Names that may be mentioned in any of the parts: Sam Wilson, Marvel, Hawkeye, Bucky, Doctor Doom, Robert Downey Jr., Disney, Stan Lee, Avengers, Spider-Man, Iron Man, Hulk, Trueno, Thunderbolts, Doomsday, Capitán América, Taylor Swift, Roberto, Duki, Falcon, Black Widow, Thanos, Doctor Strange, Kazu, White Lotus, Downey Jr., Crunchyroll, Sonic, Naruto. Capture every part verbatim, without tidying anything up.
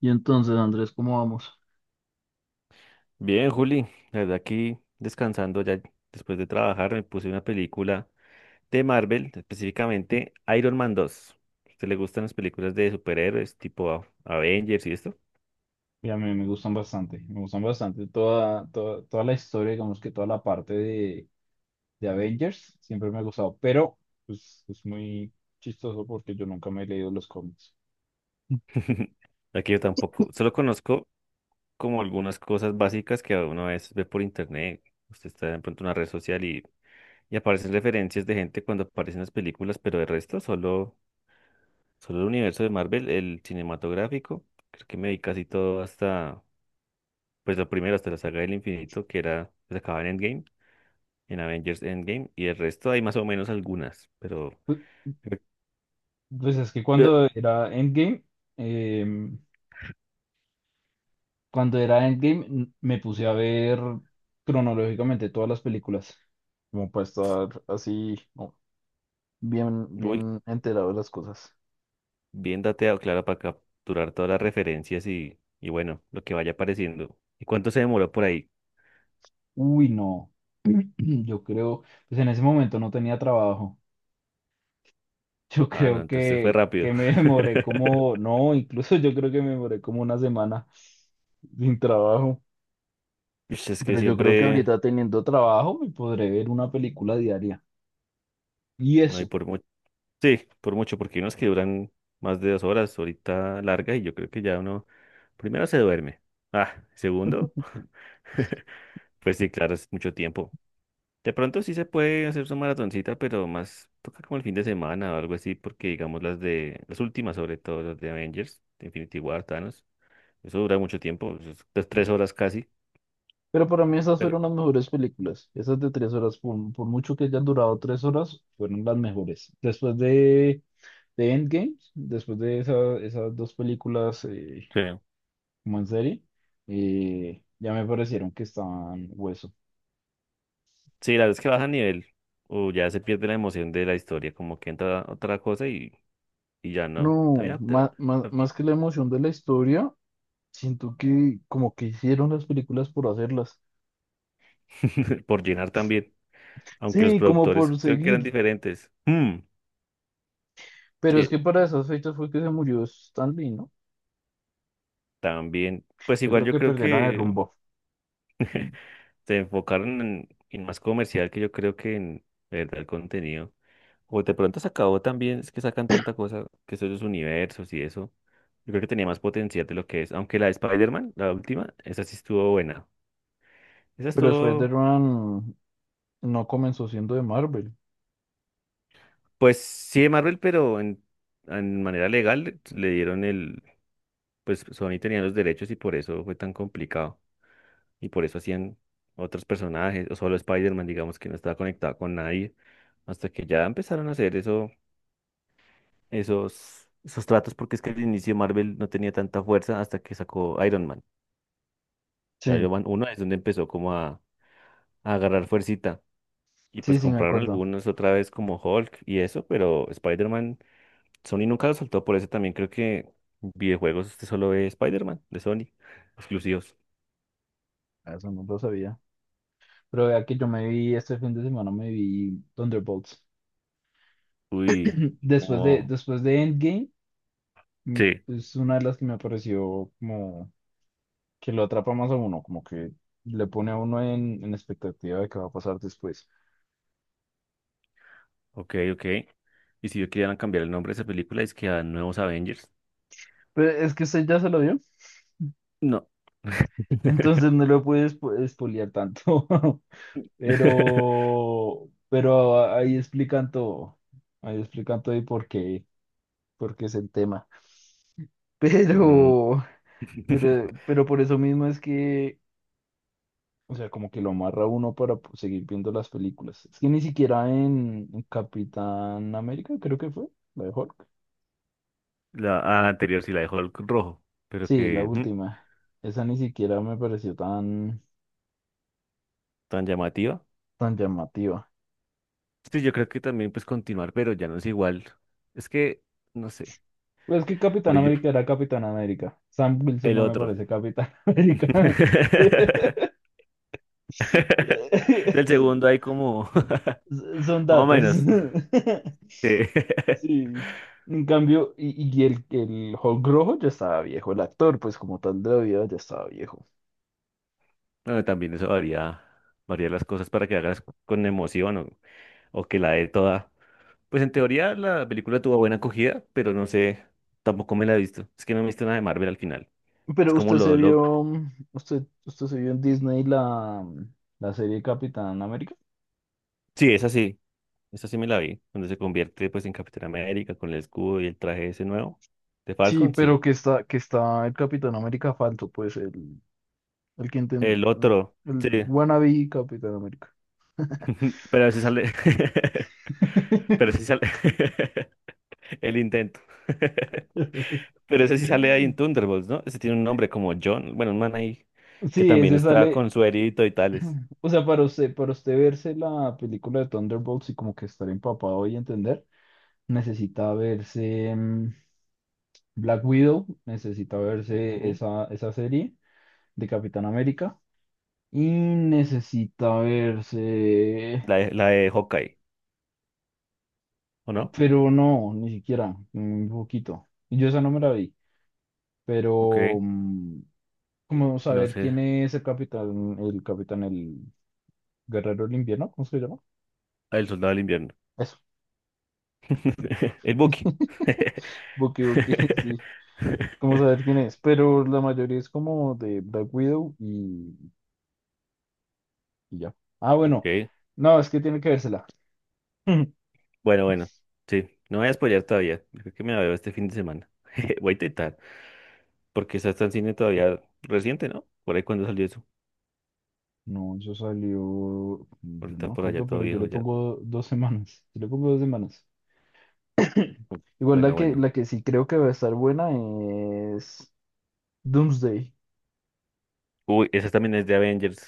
Y entonces, Andrés, ¿cómo vamos? Bien, Juli, la verdad aquí descansando ya después de trabajar me puse una película de Marvel, específicamente Iron Man dos. ¿A usted le gustan las películas de superhéroes tipo A- Avengers y esto? Y a mí me gustan bastante, me gustan bastante toda, toda, toda la historia, digamos que toda la parte de, de Avengers, siempre me ha gustado, pero pues, es muy chistoso porque yo nunca me he leído los cómics. Aquí yo tampoco, solo conozco como algunas cosas básicas que uno a veces ve por internet. Usted está de pronto en una red social y, y aparecen referencias de gente cuando aparecen las películas, pero el resto solo, solo el universo de Marvel, el cinematográfico. Creo que me vi casi todo hasta pues la primera, hasta la saga del infinito, que era, se acababa en Endgame, en Avengers Endgame, y el resto hay más o menos algunas, pero Pues, pues es que eh, cuando era Endgame, eh, cuando era Endgame n- me puse a ver cronológicamente todas las películas, como para estar así, no, bien, uy, bien enterado de las cosas. bien dateado, claro, para capturar todas las referencias y, y bueno, lo que vaya apareciendo. ¿Y cuánto se demoró por ahí? Uy, no. Yo creo, pues en ese momento no tenía trabajo. Yo Ah, no, creo entonces fue que, rápido. que me demoré como, no, incluso yo creo que me demoré como una semana sin trabajo. Ush, es que Pero yo creo que siempre, ahorita teniendo trabajo me podré ver una película diaria. Y no hay eso. por mucho. Sí, por mucho, porque hay unos que duran más de dos horas, ahorita larga, y yo creo que ya uno, primero se duerme. Ah, segundo, pues sí, claro, es mucho tiempo. De pronto sí se puede hacer su maratoncita, pero más toca como el fin de semana o algo así, porque digamos las de, las últimas sobre todo, las de Avengers, de Infinity War, Thanos, eso dura mucho tiempo, eso es pues, tres horas casi, Pero para mí esas pero fueron las mejores películas. Esas de tres horas, por, por mucho que hayan durado tres horas, fueron las mejores. Después de, de Endgame, después de esa- esas dos películas, eh, sí, como en serie, eh, ya me parecieron que estaban hueso. sí, la vez que baja nivel, o ya se pierde la emoción de la historia, como que entra otra cosa y, y ya no, No, también te- más, más, más que la emoción de la historia, siento que como que hicieron las películas por hacerlas. Por llenar también, aunque los Sí, como productores por creo que eran seguir. diferentes. Mm, Pero es Sí, que para esas fechas fue que se murió Stan Lee, ¿no? también, pues Yo igual creo yo que creo perdieron el que rumbo. Mm. se enfocaron en, en más comercial que yo creo que en de verdad el contenido. O de pronto se acabó también, es que sacan tanta cosa, que son los universos y eso. Yo creo que tenía más potencial de lo que es. Aunque la de Spider-Man, la última, esa sí estuvo buena. Esa Pero estuvo, Spider-Man no comenzó siendo de Marvel. pues sí de Marvel, pero en, en manera legal le dieron el, pues Sony tenía los derechos y por eso fue tan complicado. Y por eso hacían otros personajes, o solo Spider-Man, digamos que no estaba conectado con nadie. Hasta que ya empezaron a hacer eso esos, esos tratos, porque es que al inicio Marvel no tenía tanta fuerza hasta que sacó Iron Man. Sí, Iron Man uno es donde empezó como a, a agarrar fuercita. Y sí, pues sí, me compraron acuerdo. algunos otra vez como Hulk y eso, pero Spider-Man, Sony nunca lo soltó, por eso también creo que videojuegos este solo ve Spider-Man de Sony, exclusivos. Ah, eso no lo sabía. Pero vea que yo me vi este fin de semana, me vi Thunderbolts. Uy, y Después de, como... después de Endgame, mm, Sí. es una de las que me pareció como que lo atrapa más a uno, como que le pone a uno en, en expectativa de qué va a pasar después. Ok, ok. Y si yo querían cambiar el nombre de esa película, es que a Nuevos Avengers. Pero es que usted ya se lo vio, No. entonces no lo puede espo- espolear tanto. Pero, pero ahí explican todo, ahí explican todo y por qué, por qué es el tema. Mm. Pero, pero, pero por eso mismo es que, o sea, como que lo amarra a uno para po- seguir viendo las películas. Es que ni siquiera en en Capitán América, creo que fue, la de Hulk. La, a la anterior sí la dejó el rojo, pero Sí, la que mm, última. Esa ni siquiera me pareció tan, tan llamativa. tan llamativa. Sí, yo creo que también pues continuar, pero ya no es igual. Es que, no sé. Pues es que Capitán Oye, América era Capitán América. Sam Wilson el no me otro. parece Capitán América. El segundo hay como, Son más o datos. menos. Sí. Sí. En cambio, y, y el, el Hulk rojo ya estaba viejo, el actor, pues como tal de la vida ya estaba viejo. Bueno, también eso varía, varía las cosas para que hagas con emoción o, o que la dé toda. Pues en teoría la película tuvo buena acogida, pero no sé, tampoco me la he visto. Es que no me he visto nada de Marvel al final. Es Pero como usted se lo, lo... vio, usted, usted se vio en Disney la, la serie Capitán América. Sí, es así. Esta sí me la vi, donde se convierte pues en Capitán América con el escudo y el traje ese nuevo. De Sí, Falcon, sí. pero que está, que está el Capitán América falso, pues el, el que El inten- otro, el sí. wannabe Capitán América. Pero ese sale. Pero sí sale. El intento. Pero ese sí sale ahí en Thunderbolts, ¿no? Ese tiene un nombre como John. Bueno, un man ahí que Sí, también ese está sale, con suerito y tales. o sea, para usted, para usted verse la película de Thunderbolts y como que estar empapado y entender, necesita verse mm, Black Widow, necesita verse Ujú. esa, esa serie de Capitán América y necesita verse, La de, la de Hawkeye, ¿o no? pero no, ni siquiera, un poquito. Yo esa no me la vi, Ok. pero Eh, mm, como no saber sé. quién es el capitán, el capitán, el guerrero del invierno, ¿cómo se llama? Ah, el soldado del invierno. Eso, El Bucky. Bucky Bucky, sí, como saber quién es, pero la mayoría es como de Black Widow y, y ya. Ah, bueno, Ok. no, es que tiene que vérsela. Bueno, bueno, sí, no voy a spoilear todavía. Yo creo que me la veo este fin de semana. Voy a intentar, porque esa está en cine todavía reciente, ¿no? Por ahí cuando salió eso. No, eso salió, yo no Ahorita me por allá acuerdo, todo pero yo le viejo ya. pongo dos semanas. Yo le pongo dos semanas. Igual Bueno, la que, bueno. la que sí creo que va a estar buena es Doomsday. Uy, esa también es de Avengers.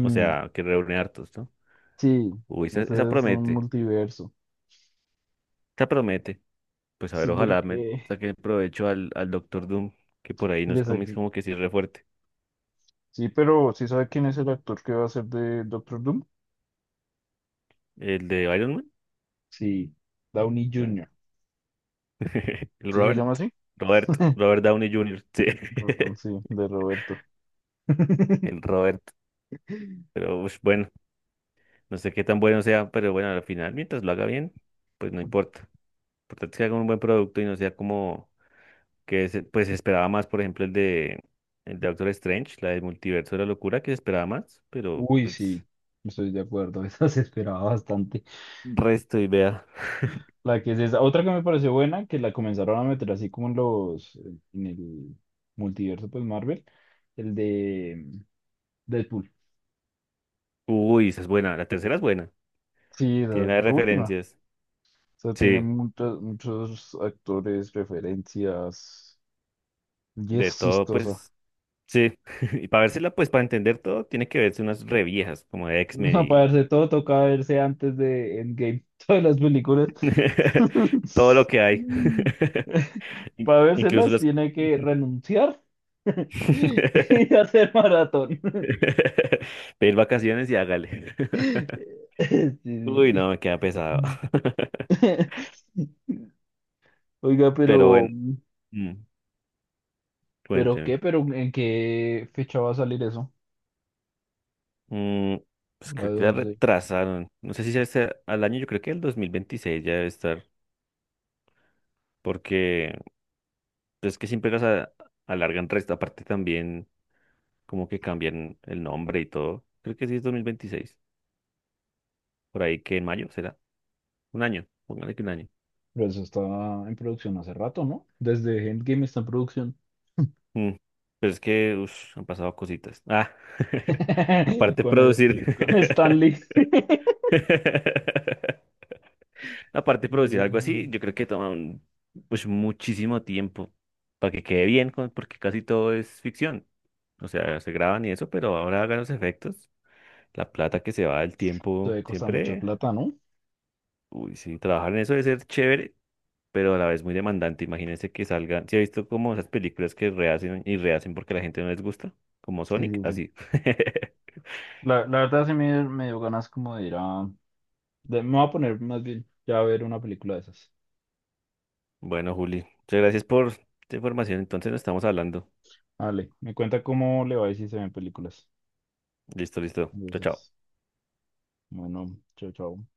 O sea, que reúne hartos, ¿no? sí, Uy, esa, esa ese es un promete, multiverso. esa promete. Pues a ver, Sí, ojalá me porque saque provecho al, al Doctor Doom, que por ahí nos le cómics saqué- como que sí es re fuerte. sí, pero ¿sí sabe quién es el actor que va a ser de Doctor Doom? El de Iron Man. Sí, Downey Mm. junior El ¿Sí se Robert. llama así? Robert, Robert Downey junior Sí. Ro- ah, Sí, de Roberto. El Robert. Pero ush, bueno, no sé qué tan bueno sea, pero bueno, al final, mientras lo haga bien, pues no importa. Lo importante es que haga un buen producto y no sea como que se- pues se esperaba más, por ejemplo, el de el de Doctor Strange, la del multiverso de la locura, que se esperaba más, pero Uy, pues sí, estoy de acuerdo, eso se esperaba bastante. resto y vea. La que es esa. Otra que me pareció buena, que la comenzaron a meter así como en los, en el multiverso, pues Marvel, el de Deadpool. Uy, esa es buena, la tercera es buena. Sí, la, Tiene la de la última. referencias. O sea, tiene Sí, muchos, muchos actores, referencias, y de es todo, chistosa. pues sí. Y para vérsela, pues para entender todo, tiene que verse unas reviejas como de X-Men No, para y verse todo toca verse antes de Endgame, todas las películas. todo lo que hay. In- Para Incluso vérselas las. tiene que renunciar y hacer maratón. Pedir vacaciones y hágale. Sí, sí, Uy, no, sí. me queda pesado. Mm. Oiga, Pero pero, bueno, mm, pero cuénteme. qué, pero ¿en qué fecha va a salir eso? Mm, pues La creo de que la once. retrasaron. No sé si sea este- al año, yo creo que el dos mil veintiséis ya debe estar. Porque pues, es que siempre las a- alargan resto. Aparte también como que cambian el nombre y todo. Creo que sí es dos mil veintiséis. Por ahí que en mayo será. Un año. Póngale que un año. Pero eso está en producción hace rato, ¿no? Desde Endgame está en producción. Mm, Pero es que ush, han pasado cositas. Ah, aparte de Con el, producir. con Stanley. Aparte de Se producir algo así, yo creo que toma un- pues muchísimo tiempo para que quede bien, con- porque casi todo es ficción. O sea, se graban y eso, pero ahora hagan los efectos. La plata que se va, el tiempo, debe costar mucha siempre. plata, ¿no? Uy, sí, trabajar en eso debe ser chévere, pero a la vez muy demandante. Imagínense que salgan. ¿Si he visto como esas películas que rehacen y rehacen porque a la gente no les gusta? Como Sí, Sonic, sí, sí. así. La, la verdad sí me, me dio ganas como de ir a... de- me voy a poner más bien ya a ver una película de esas. Bueno, Juli, muchas gracias por tu información. Entonces nos estamos hablando. Vale, me cuenta cómo le va y si se ven películas Listo, listo. de Chao, chao. esas. Bueno, chao, chao.